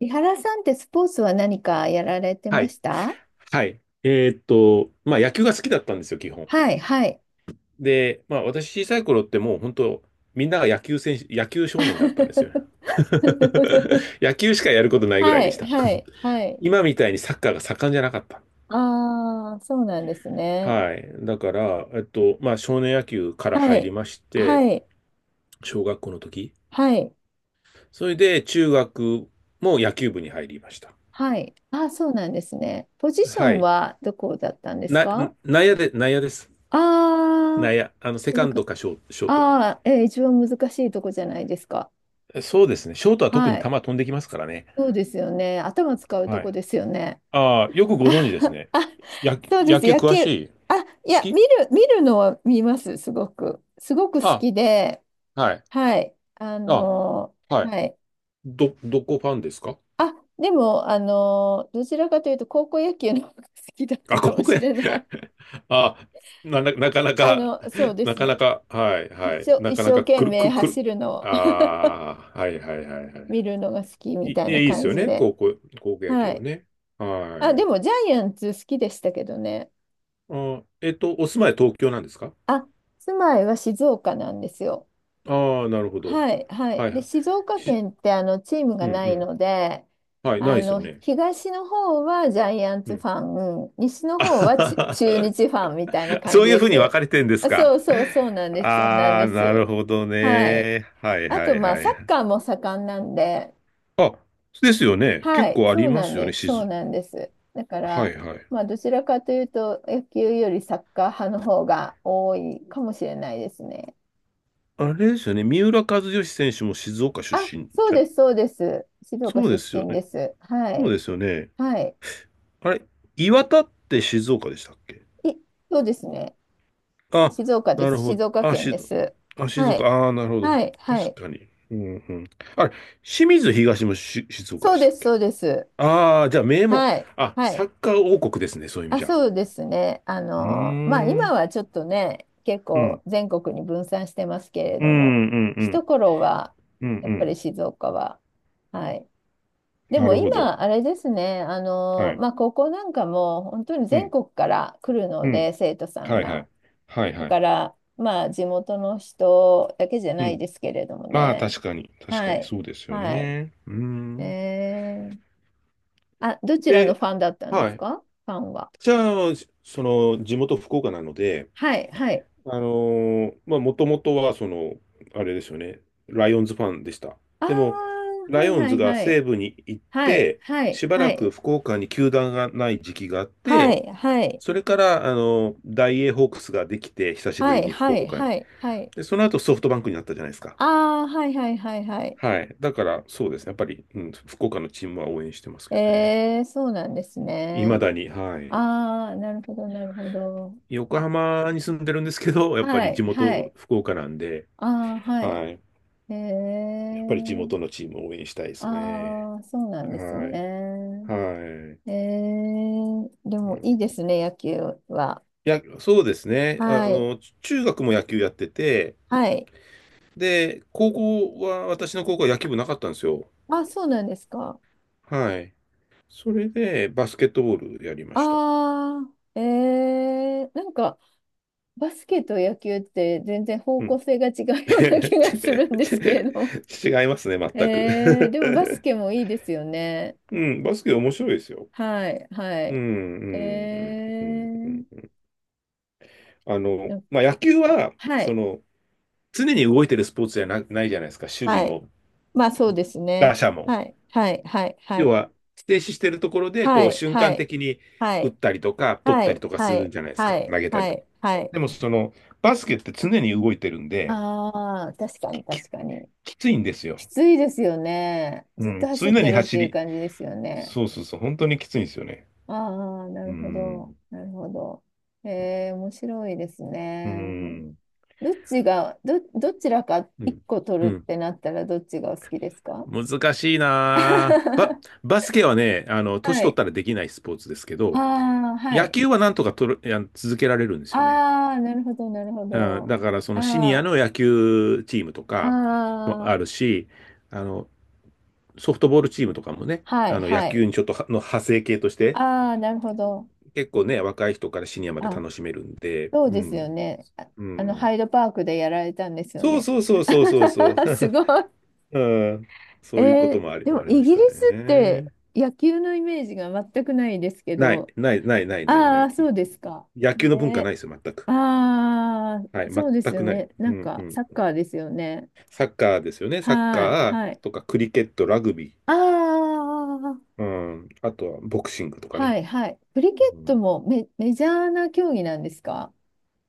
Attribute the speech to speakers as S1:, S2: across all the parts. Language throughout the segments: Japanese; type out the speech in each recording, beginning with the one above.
S1: 井原さんってスポーツは何かやられて
S2: は
S1: ま
S2: い。
S1: した？
S2: はい。まあ野球が好きだったんですよ、基本。
S1: はい、はい。
S2: で、まあ私小さい頃ってもう本当、みんなが野球選手、野球少年だったんですよ。野球しかやることないぐらい
S1: は
S2: でし
S1: い、
S2: た。
S1: はい、はい。
S2: 今みたいにサッカーが盛んじゃなかった。
S1: ああ、そうなんですね。
S2: はい。だから、まあ少年野球から
S1: は
S2: 入り
S1: い、
S2: まして、
S1: はい、
S2: 小学校の時。
S1: はい、
S2: それで中学も野球部に入りました。
S1: はい。ああ、そうなんですね。ポジショ
S2: は
S1: ン
S2: い。
S1: はどこだったんです
S2: な、
S1: か？
S2: 内野です。
S1: あ
S2: 内野。
S1: あ
S2: あの、セ
S1: ー、
S2: カンドかショート。
S1: ああ、一番難しいとこじゃないですか。
S2: そうですね。ショートは特
S1: は
S2: に球
S1: い。
S2: 飛んできますからね。
S1: そうですよね。頭使うと
S2: は
S1: こ
S2: い。
S1: ですよね。
S2: ああ、よくご存知です ね。
S1: あ、
S2: 野球、
S1: そうで
S2: 野
S1: す。
S2: 球
S1: 野
S2: 詳
S1: 球。
S2: しい？
S1: あ、い
S2: 好
S1: や、
S2: き？
S1: 見るのは見ます。すごく。すごく好
S2: あ、
S1: きで。
S2: はい。
S1: はい。
S2: あ、はい。
S1: はい。
S2: どこファンですか？
S1: あ、でも、どちらかというと、高校野球の方が好きだった
S2: あ、高
S1: かも
S2: 校
S1: し
S2: 野球。
S1: れない。
S2: あ、な かな
S1: あ
S2: か、
S1: の、そうで
S2: な
S1: す
S2: かな
S1: ね。
S2: か、はい、はい。な
S1: 一
S2: かな
S1: 生
S2: か
S1: 懸
S2: くる、
S1: 命
S2: くる、
S1: 走るのを
S2: ああ、はいはいはいはい。
S1: 見るのが好きみ
S2: いい
S1: たいな
S2: です
S1: 感
S2: よ
S1: じ
S2: ね。
S1: で。
S2: 高校野
S1: は
S2: 球を
S1: い。
S2: ね。
S1: あ、
S2: は
S1: で
S2: い。
S1: も、ジャイアンツ好きでしたけどね。
S2: お住まい東京なんですか？
S1: あ、住まいは静岡なんですよ。
S2: ああー、なるほど。
S1: はい、はい。
S2: はい
S1: で、
S2: はい。
S1: 静岡
S2: し、
S1: 県ってあのチーム
S2: う
S1: が
S2: んう
S1: ない
S2: ん、
S1: ので、
S2: はい、ない
S1: あ
S2: ですよ
S1: の
S2: ね。
S1: 東の方はジャイアン
S2: う
S1: ツフ
S2: ん。
S1: ァン、西 の
S2: あ
S1: 方
S2: は
S1: は
S2: はは
S1: 中日ファンみたいな感
S2: そう
S1: じ
S2: いう
S1: で
S2: ふうに分
S1: す。
S2: かれてるんです
S1: あ、
S2: か？
S1: そうなん
S2: ああ、
S1: で
S2: なる
S1: す。
S2: ほど
S1: はい。
S2: ね。はい
S1: あ
S2: は
S1: と、
S2: い
S1: まあ、
S2: は
S1: サッ
S2: い。
S1: カーも盛んなんで、
S2: あ、ですよね。
S1: は
S2: 結
S1: い、
S2: 構ありますよね、
S1: そ
S2: 静。
S1: うなんです。だか
S2: は
S1: ら、
S2: いはい。
S1: まあ、どちらかというと、野球よりサッカー派の方が多いかもしれないですね。
S2: あれですよね。三浦和義選手も静岡出
S1: あ、
S2: 身じゃ、
S1: そうです。静岡
S2: そう
S1: 出
S2: ですよ
S1: 身
S2: ね。
S1: です。は
S2: そう
S1: い。
S2: ですよね。
S1: はい。
S2: あれ、岩田って静岡でしたっけ？
S1: い、そうですね。
S2: あ、
S1: 静岡で
S2: なる
S1: す。
S2: ほど。
S1: 静岡
S2: あ、
S1: 県です。
S2: あ、静
S1: は
S2: 岡。
S1: い。
S2: ああ、なるほど。
S1: はい。は
S2: 確
S1: い。
S2: かに。うんうん。あれ、清水東も静岡でしたっけ？
S1: そうです。
S2: ああ、じゃあ名門、
S1: はい。
S2: あ、
S1: はい。
S2: サッカー王国ですね、そういう意味
S1: あ、
S2: じゃ。
S1: そうですね。あ
S2: うー
S1: の、まあ、今
S2: ん。
S1: はちょっとね、結
S2: う
S1: 構
S2: ん。
S1: 全国に分散してますけれ
S2: うん、
S1: ど
S2: う
S1: も、
S2: ん、う
S1: 一
S2: ん。
S1: 頃は、
S2: うん、う
S1: やっぱ
S2: ん。
S1: り静岡は、はい。で
S2: な
S1: も
S2: るほど。
S1: 今、あれですね、あ
S2: は
S1: の、
S2: い。
S1: まあ、高校なんかも本当に
S2: う
S1: 全
S2: ん、
S1: 国から来る
S2: う
S1: の
S2: ん。
S1: で、生徒さん
S2: はい、は
S1: が。
S2: い。はい、
S1: だ
S2: はい。
S1: から、まあ、地元の人だけじゃ
S2: う
S1: ない
S2: ん。
S1: ですけれども
S2: まあ、
S1: ね。
S2: 確かに。確か
S1: は
S2: に、
S1: い。
S2: そうですよ
S1: はい。
S2: ね。うーん。
S1: えー、あ、どちらの
S2: で、
S1: ファンだったんで
S2: は
S1: す
S2: い。
S1: か？ファンは。
S2: じゃあ、その、地元福岡なので、
S1: はい、はい。
S2: まあ、もともとは、その、あれですよね、ライオンズファンでした。
S1: ああ、
S2: でも、ラ
S1: は
S2: イ
S1: い
S2: オン
S1: は
S2: ズ
S1: い
S2: が
S1: はい。
S2: 西部に行っ
S1: はい、
S2: て、
S1: はい、
S2: しば
S1: は
S2: らく
S1: い。
S2: 福岡に球団がない時期があっ
S1: は
S2: て、
S1: い、はい、
S2: それから、ダイエーホークスができて、久しぶ
S1: は
S2: り
S1: い、
S2: に福
S1: はい、
S2: 岡に。
S1: はい、はい。
S2: で、その後ソフトバンクになったじゃないですか。
S1: ああ、はいはいはいはい。
S2: はい。だから、そうですね。やっぱり、うん、福岡のチームは応援してますけどね。
S1: えー、そうなんです
S2: いま
S1: ね。
S2: だに、はい。
S1: ああ、なるほど、なるほど。
S2: 横浜に住んでるんですけど、やっぱ
S1: は
S2: り
S1: い、
S2: 地
S1: は
S2: 元
S1: い。
S2: 福岡なんで、
S1: ああ、はい。
S2: はい。
S1: え
S2: やっぱり地
S1: ー。
S2: 元のチームを応援したいですよね。
S1: ああ、そうなんです
S2: はい。
S1: ね。
S2: はい。
S1: ええ、で
S2: うん、
S1: もいいで
S2: い
S1: すね、野球は。
S2: や、そうですね。あ
S1: はい。
S2: の、中学も野球やってて、
S1: はい。
S2: で、高校は、私の高校は野球部なかったんですよ。
S1: あ、そうなんですか。
S2: はい。それで、バスケットボールやりました。
S1: ああ、なんか、バスケと野球って全然方
S2: う
S1: 向
S2: ん。
S1: 性が違う ような気がするんですけれども。
S2: 違いますね、全
S1: ええ、
S2: く。
S1: でもバスケもいいですよね。
S2: うん、バスケ面白いですよ。
S1: はい、は
S2: うん、う
S1: い。
S2: ん、う
S1: え
S2: ん、うん。
S1: え、
S2: うん、
S1: うん、
S2: まあ、野球は、
S1: は
S2: そ
S1: い、
S2: の、常に動いてるスポーツじゃな、ないじゃないですか。守備
S1: はい。
S2: も
S1: まあ、そうです
S2: ガ
S1: ね。
S2: シャモン。
S1: はい、はい、はい、は
S2: 要
S1: い。
S2: は、停止してるところで、
S1: は
S2: こう、
S1: い、
S2: 瞬
S1: は
S2: 間
S1: い、
S2: 的に
S1: は
S2: 打っ
S1: い、
S2: たりとか、取っ
S1: は
S2: たり
S1: い、
S2: とかす
S1: は
S2: る
S1: い、
S2: じゃないです
S1: は
S2: か。
S1: い、
S2: 投げた
S1: は
S2: りとか。
S1: い、は
S2: でも、
S1: い。
S2: その、バスケって常に動いてるんで、
S1: ああ、確かに
S2: き、
S1: 確かに。
S2: きついんですよ。
S1: きついですよね。
S2: う
S1: ずっと
S2: ん、
S1: 走っ
S2: 常
S1: て
S2: に
S1: るっ
S2: 走
S1: ていう
S2: り。
S1: 感じですよね。
S2: そうそうそう、本当にきついんですよね。
S1: ああ、な
S2: う
S1: るほど。
S2: ん、
S1: なるほど。えー、面白いです
S2: う
S1: ね。
S2: ん、
S1: どちらか
S2: うん、
S1: 一個
S2: う
S1: 取るっ
S2: ん。
S1: てなったらどっちがお好きですか？
S2: 難しいなぁ。バ、バスケはね、あの、年
S1: は
S2: 取っ
S1: い。
S2: たらできないスポーツですけど、
S1: ああ、は
S2: 野
S1: い。
S2: 球はなんとかとる、あの続けられるんですよね。
S1: ああ、なるほど、なるほ
S2: うん、だ
S1: ど。
S2: からそのシニア
S1: あ
S2: の野球チームと
S1: あ、
S2: かもあ
S1: あ
S2: るし、あの、ソフトボールチームとかもね、
S1: あ、はい、
S2: あの野
S1: はい。
S2: 球にちょっとはの派生系として、
S1: ああ、なるほど。
S2: 結構ね、若い人からシニアまで
S1: あ、
S2: 楽しめるんで、
S1: そう
S2: う
S1: ですよ
S2: ん、
S1: ね。あ、
S2: う
S1: あの、
S2: ん。
S1: ハイドパークでやられたんですよ
S2: そう
S1: ね。
S2: そうそうそうそうそう。
S1: すごい。
S2: うん、
S1: え
S2: そういうこと
S1: ー、
S2: もあり、
S1: でも
S2: ありま
S1: イ
S2: し
S1: ギリ
S2: た
S1: スって
S2: ね。
S1: 野球のイメージが全くないですけ
S2: ない、
S1: ど、
S2: ない、ない、ない、ない、な
S1: あ
S2: い。
S1: あ、そうですか。
S2: 野球の文化な
S1: ね、
S2: いですよ、全く。
S1: あ
S2: は
S1: あ、
S2: い、
S1: そうです
S2: 全く
S1: よ
S2: ない。
S1: ね。な
S2: う
S1: ん
S2: ん、う
S1: か、サ
S2: ん。
S1: ッカーですよね。
S2: サッカーですよね、サッ
S1: はい、
S2: カ
S1: は
S2: ー
S1: い。
S2: とかクリケット、ラグビー。
S1: ああ、
S2: うん。あとは、ボクシングとか
S1: は
S2: ね。
S1: い、はい。クリケ
S2: う
S1: ット
S2: ん。
S1: もメジャーな競技なんですか？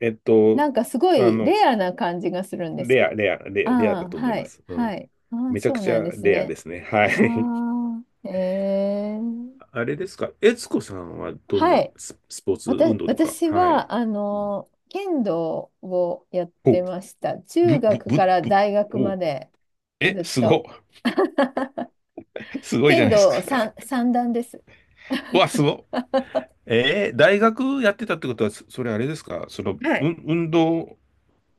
S2: えっと、
S1: なんかすご
S2: あ
S1: い
S2: の、
S1: レアな感じがするんです
S2: レ
S1: け
S2: ア、
S1: ど。
S2: レア、レア、レア
S1: あ
S2: だ
S1: あ、
S2: と思い
S1: は
S2: ま
S1: い、
S2: す。う
S1: は
S2: ん。
S1: い。ああ、
S2: めちゃ
S1: そ
S2: く
S1: う
S2: ち
S1: なん
S2: ゃ
S1: です
S2: レアで
S1: ね。
S2: すね。は
S1: あ
S2: い。
S1: あ、え ー、
S2: あれですか、悦子さんはどん
S1: は
S2: な
S1: い。
S2: スポーツ運動とか？
S1: 私
S2: はい。
S1: は、あ
S2: うん、
S1: の、剣道をやっ
S2: お、
S1: て
S2: ぶ、
S1: ました。
S2: ぶ、
S1: 中学
S2: ぶ、
S1: から
S2: ぶ、
S1: 大学
S2: お、
S1: まで
S2: え、
S1: ずっと。
S2: すごいじゃ
S1: 剣
S2: ないですか。
S1: 道三、三段です。
S2: わ、すご。大学やってたってことは、それあれですか、その、
S1: は
S2: う
S1: い。
S2: ん、運動、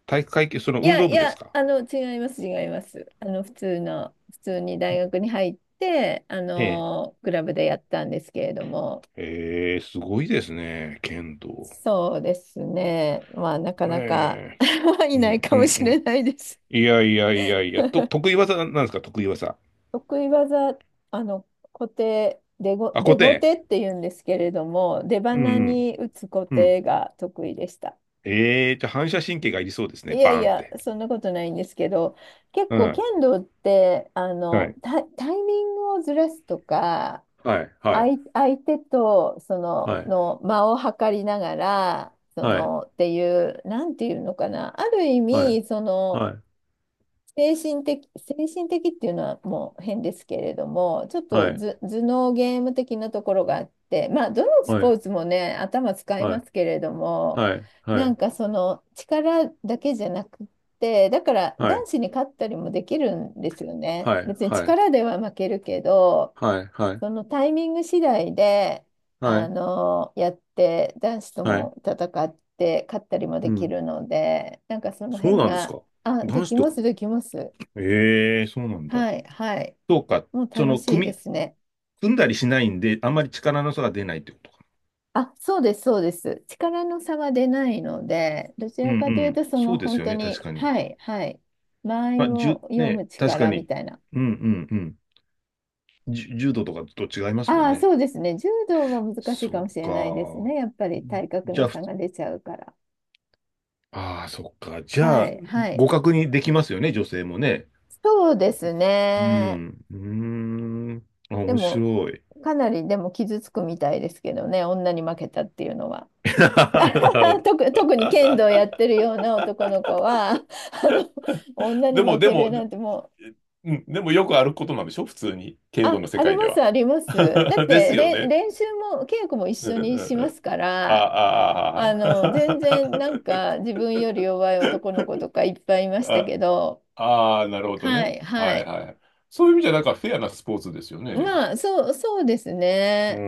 S2: 体育会系、その運動
S1: い
S2: 部です
S1: や、
S2: か？
S1: あの、違います。あの、普通に大学に入って、あ
S2: ええ。
S1: の、クラブでやったんですけれども。
S2: すごいですね、剣道。
S1: そうですね。まあ、なか
S2: へ
S1: なか
S2: え。う
S1: いない
S2: ん、
S1: か
S2: うん、
S1: も
S2: う
S1: しれ
S2: ん。
S1: ないです。
S2: いやいやいやいや、得意技なんですか？得意技。
S1: 得意技、あの、
S2: あ、固
S1: 出小
S2: 定。
S1: 手って言うんですけれども、出
S2: うん、う
S1: 鼻
S2: ん、
S1: に打つ小
S2: うん。
S1: 手が得意でした。
S2: ええ、じゃあ反射神経がいりそうです
S1: い
S2: ね、
S1: や
S2: バ
S1: い
S2: ーンっ
S1: や、
S2: て。
S1: そんなことないんですけど、結
S2: う
S1: 構
S2: ん。
S1: 剣道って、あ
S2: は
S1: の、
S2: い。
S1: タイミングをずらすとか、
S2: はい、はい、
S1: 相手と、その、
S2: はい、
S1: の間を測りながら、そ
S2: はい、
S1: の、っていう、なんていうのかな、ある意
S2: はい、
S1: 味、その、
S2: は
S1: 精神的、精神的っていうのはもう変ですけれども、ちょっと
S2: い、
S1: ず頭脳ゲーム的なところがあって、まあ、どのス
S2: はい、
S1: ポーツもね、頭使い
S2: は
S1: ま
S2: い、
S1: すけれども、
S2: はい、は
S1: な
S2: い、
S1: んかその力だけじゃなくて、だから
S2: はい、
S1: 男子に勝ったりもできるんですよね。
S2: はい、
S1: 別に
S2: はい、
S1: 力では負けるけど、
S2: はい、はい、はい、
S1: そのタイミング次第で、
S2: は
S1: あ
S2: い、
S1: の、やって、男子と
S2: はい、
S1: も戦って、勝ったりも
S2: う
S1: でき
S2: ん。
S1: るので、なんかその
S2: そう
S1: 辺
S2: なんです
S1: が、
S2: か？
S1: あ、
S2: 男子と、
S1: できます。
S2: ええ、そうなんだ。
S1: はい、はい。
S2: そうか、
S1: もう
S2: そ
S1: 楽
S2: の、
S1: しいですね。
S2: 組んだりしないんで、あんまり力の差が出ないってことか。
S1: あ、そうです。力の差は出ないので、どち
S2: うん
S1: ら
S2: う
S1: かというと、
S2: ん。
S1: そ
S2: そ
S1: の
S2: うです
S1: 本
S2: よ
S1: 当
S2: ね、確
S1: に、
S2: かに。
S1: はい、はい。間合
S2: ま
S1: い
S2: あ、
S1: を読
S2: ね、
S1: む
S2: 確か
S1: 力み
S2: に。
S1: たいな。
S2: うんうんうん。柔道とかと違いますもん
S1: ああ、
S2: ね。
S1: そうですね。柔道は難しいか
S2: そ
S1: も
S2: う
S1: しれないです
S2: か。
S1: ね。やっぱり体格
S2: じゃ
S1: の
S2: あ、
S1: 差が出ちゃうから。
S2: ああ、そっか。じゃ
S1: は
S2: あ、
S1: い、はい。
S2: 互角にできますよね、女性もね。
S1: そうです
S2: う
S1: ね。
S2: ん。うーん。あ、
S1: で
S2: 面
S1: も、
S2: 白い。
S1: かなりでも傷つくみたいですけどね、女に負けたっていうのは。
S2: なるほど。
S1: 特に剣道やってるような男の子は、あの、女に
S2: でも、
S1: 負
S2: で
S1: け
S2: も、
S1: るなんてもう、
S2: うん、でもよくあることなんでしょ、普通に。剣道
S1: あ、
S2: の世界では。
S1: あります。だっ
S2: です
S1: て、
S2: よね。
S1: 練習も、稽古も一
S2: う
S1: 緒
S2: んう
S1: に
S2: ん
S1: し
S2: う
S1: ま
S2: ん。
S1: すか
S2: あ
S1: ら、
S2: あ、
S1: あ
S2: ああ。
S1: の、全
S2: あ
S1: 然なん
S2: あ
S1: か自分より弱い男の子とかいっぱいいました
S2: あ、
S1: けど、
S2: ああ、なるほど
S1: は
S2: ね。
S1: い、は
S2: はい
S1: い。
S2: はい。そういう意味じゃ、なんかフェアなスポーツですよね。
S1: まあ、そうです
S2: うー
S1: ね。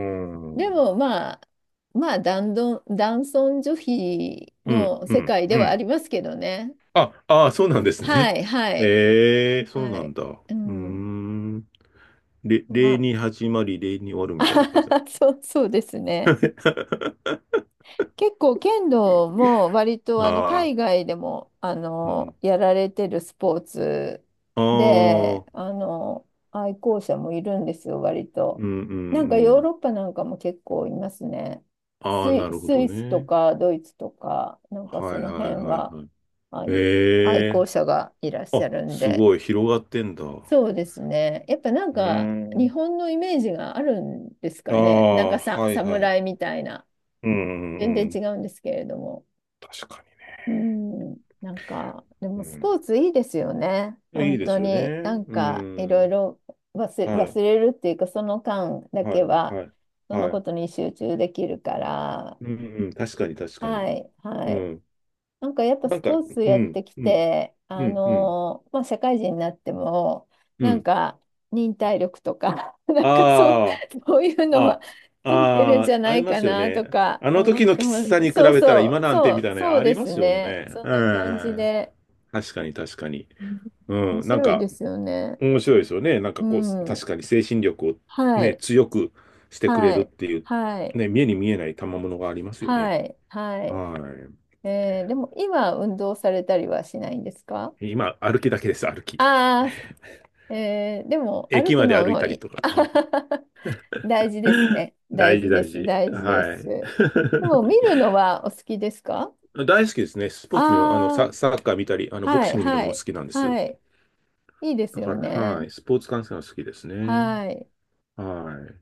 S1: でもまあ、まあ、男尊女卑
S2: うん、
S1: の
S2: う
S1: 世
S2: ん、
S1: 界で
S2: う
S1: はあ
S2: ん。
S1: りますけどね。
S2: あ、ああ、そうなんです
S1: は
S2: ね。
S1: い、はい。
S2: ええ、そう
S1: は
S2: なん
S1: い。
S2: だ。う
S1: う
S2: ー
S1: ん。
S2: ん。礼
S1: ま
S2: に始まり、礼に終わるみたいな感じなんで
S1: あ、そうです
S2: す
S1: ね。
S2: ね。
S1: 結構剣道も割 と
S2: あ
S1: あの
S2: あ、
S1: 海外でもあ
S2: うん。
S1: のやられてるスポーツ
S2: あ
S1: で
S2: あ、
S1: あの愛好者もいるんですよ、割と。
S2: うん、うん、
S1: なんか
S2: う
S1: ヨー
S2: ん。
S1: ロッパなんかも結構いますね。
S2: ああ、なるほ
S1: ス
S2: ど
S1: イスと
S2: ね。
S1: かドイツとか、なんか
S2: は
S1: そ
S2: い、
S1: の
S2: はい、
S1: 辺
S2: はい、
S1: は、
S2: はい。
S1: あい愛
S2: え
S1: 好
S2: え、
S1: 者がいらっし
S2: あ、
S1: ゃるん
S2: す
S1: で。
S2: ごい、広がってんだ。う
S1: そうですね。やっぱなん
S2: ー
S1: か日
S2: ん。
S1: 本のイメージがあるんです
S2: あ
S1: かね。なんか
S2: あ、
S1: さ、
S2: はい、はい。
S1: 侍みたいな。
S2: うんう
S1: 全
S2: ん
S1: 然
S2: うん。
S1: 違うんですけれども。
S2: 確か
S1: うん。なんか、で
S2: に。う
S1: もス
S2: ん。
S1: ポーツいいですよね。
S2: い
S1: 本
S2: いで
S1: 当
S2: すよ
S1: に。な
S2: ね。
S1: ん
S2: う
S1: かいろい
S2: ん。
S1: ろ
S2: は
S1: 忘
S2: い。
S1: れるっていうか、その間だ
S2: は
S1: け
S2: い。
S1: は、
S2: はい。
S1: その
S2: は
S1: こ
S2: い。
S1: とに集中できるから。
S2: うん、うん。確かに、確か
S1: は
S2: に。
S1: い、は
S2: う
S1: い。
S2: ん。
S1: なんかやっぱ
S2: な
S1: ス
S2: んか、
S1: ポーツ
S2: う
S1: やっ
S2: ん。
S1: てき
S2: うん。
S1: て、
S2: うん。うん。
S1: まあ、社会人になっても、
S2: う
S1: なん
S2: ん。
S1: か忍耐力とか、なんかそう、
S2: あ
S1: そういうの
S2: あ、
S1: は
S2: あ
S1: ついてるんじ
S2: あ、
S1: ゃ
S2: あ
S1: な
S2: り
S1: い
S2: ま
S1: か
S2: すよ
S1: なと
S2: ね。
S1: か
S2: あの
S1: 思っ
S2: 時の
S1: て
S2: き
S1: ま
S2: つ
S1: す。
S2: さに比べたら今なんてみたいなの
S1: そう
S2: あり
S1: で
S2: ま
S1: す
S2: すよ
S1: ね。
S2: ね。
S1: そん
S2: う
S1: な感じ
S2: ん。
S1: で。
S2: 確かに、確かに。
S1: うん、面
S2: うん。なん
S1: 白い
S2: か、
S1: ですよね。
S2: 面白いですよね。なん
S1: う
S2: かこう、確
S1: ん。
S2: かに精神力を
S1: は
S2: ね、
S1: い、
S2: 強くしてくれ
S1: は
S2: るっ
S1: い、
S2: ていう、
S1: はい、
S2: ね、目に見えない賜物がありますよね。
S1: はい、はい。
S2: は
S1: えー、でも今運動されたりはしないんですか？
S2: い。今、歩きだけです、歩き。
S1: ああー、えー、でも歩
S2: 駅
S1: く
S2: まで
S1: の
S2: 歩い
S1: も
S2: た
S1: い
S2: り
S1: い
S2: とか。うん。
S1: 大事ですね。大
S2: 大事、
S1: 事で
S2: 大
S1: す。
S2: 事。
S1: 大事で
S2: はい。
S1: す。でも見る のはお好きですか？
S2: 大好きですね。スポーツ見る、あの、
S1: ああ
S2: サ、
S1: ー、
S2: サッカー見たり、あの、ボク
S1: は
S2: シ
S1: い、
S2: ング見る
S1: は
S2: のも好
S1: い、
S2: きなんです。
S1: はい。いいです
S2: だか
S1: よ
S2: ら、は
S1: ね。
S2: い。スポーツ観戦は好きですね。
S1: はい。
S2: はい。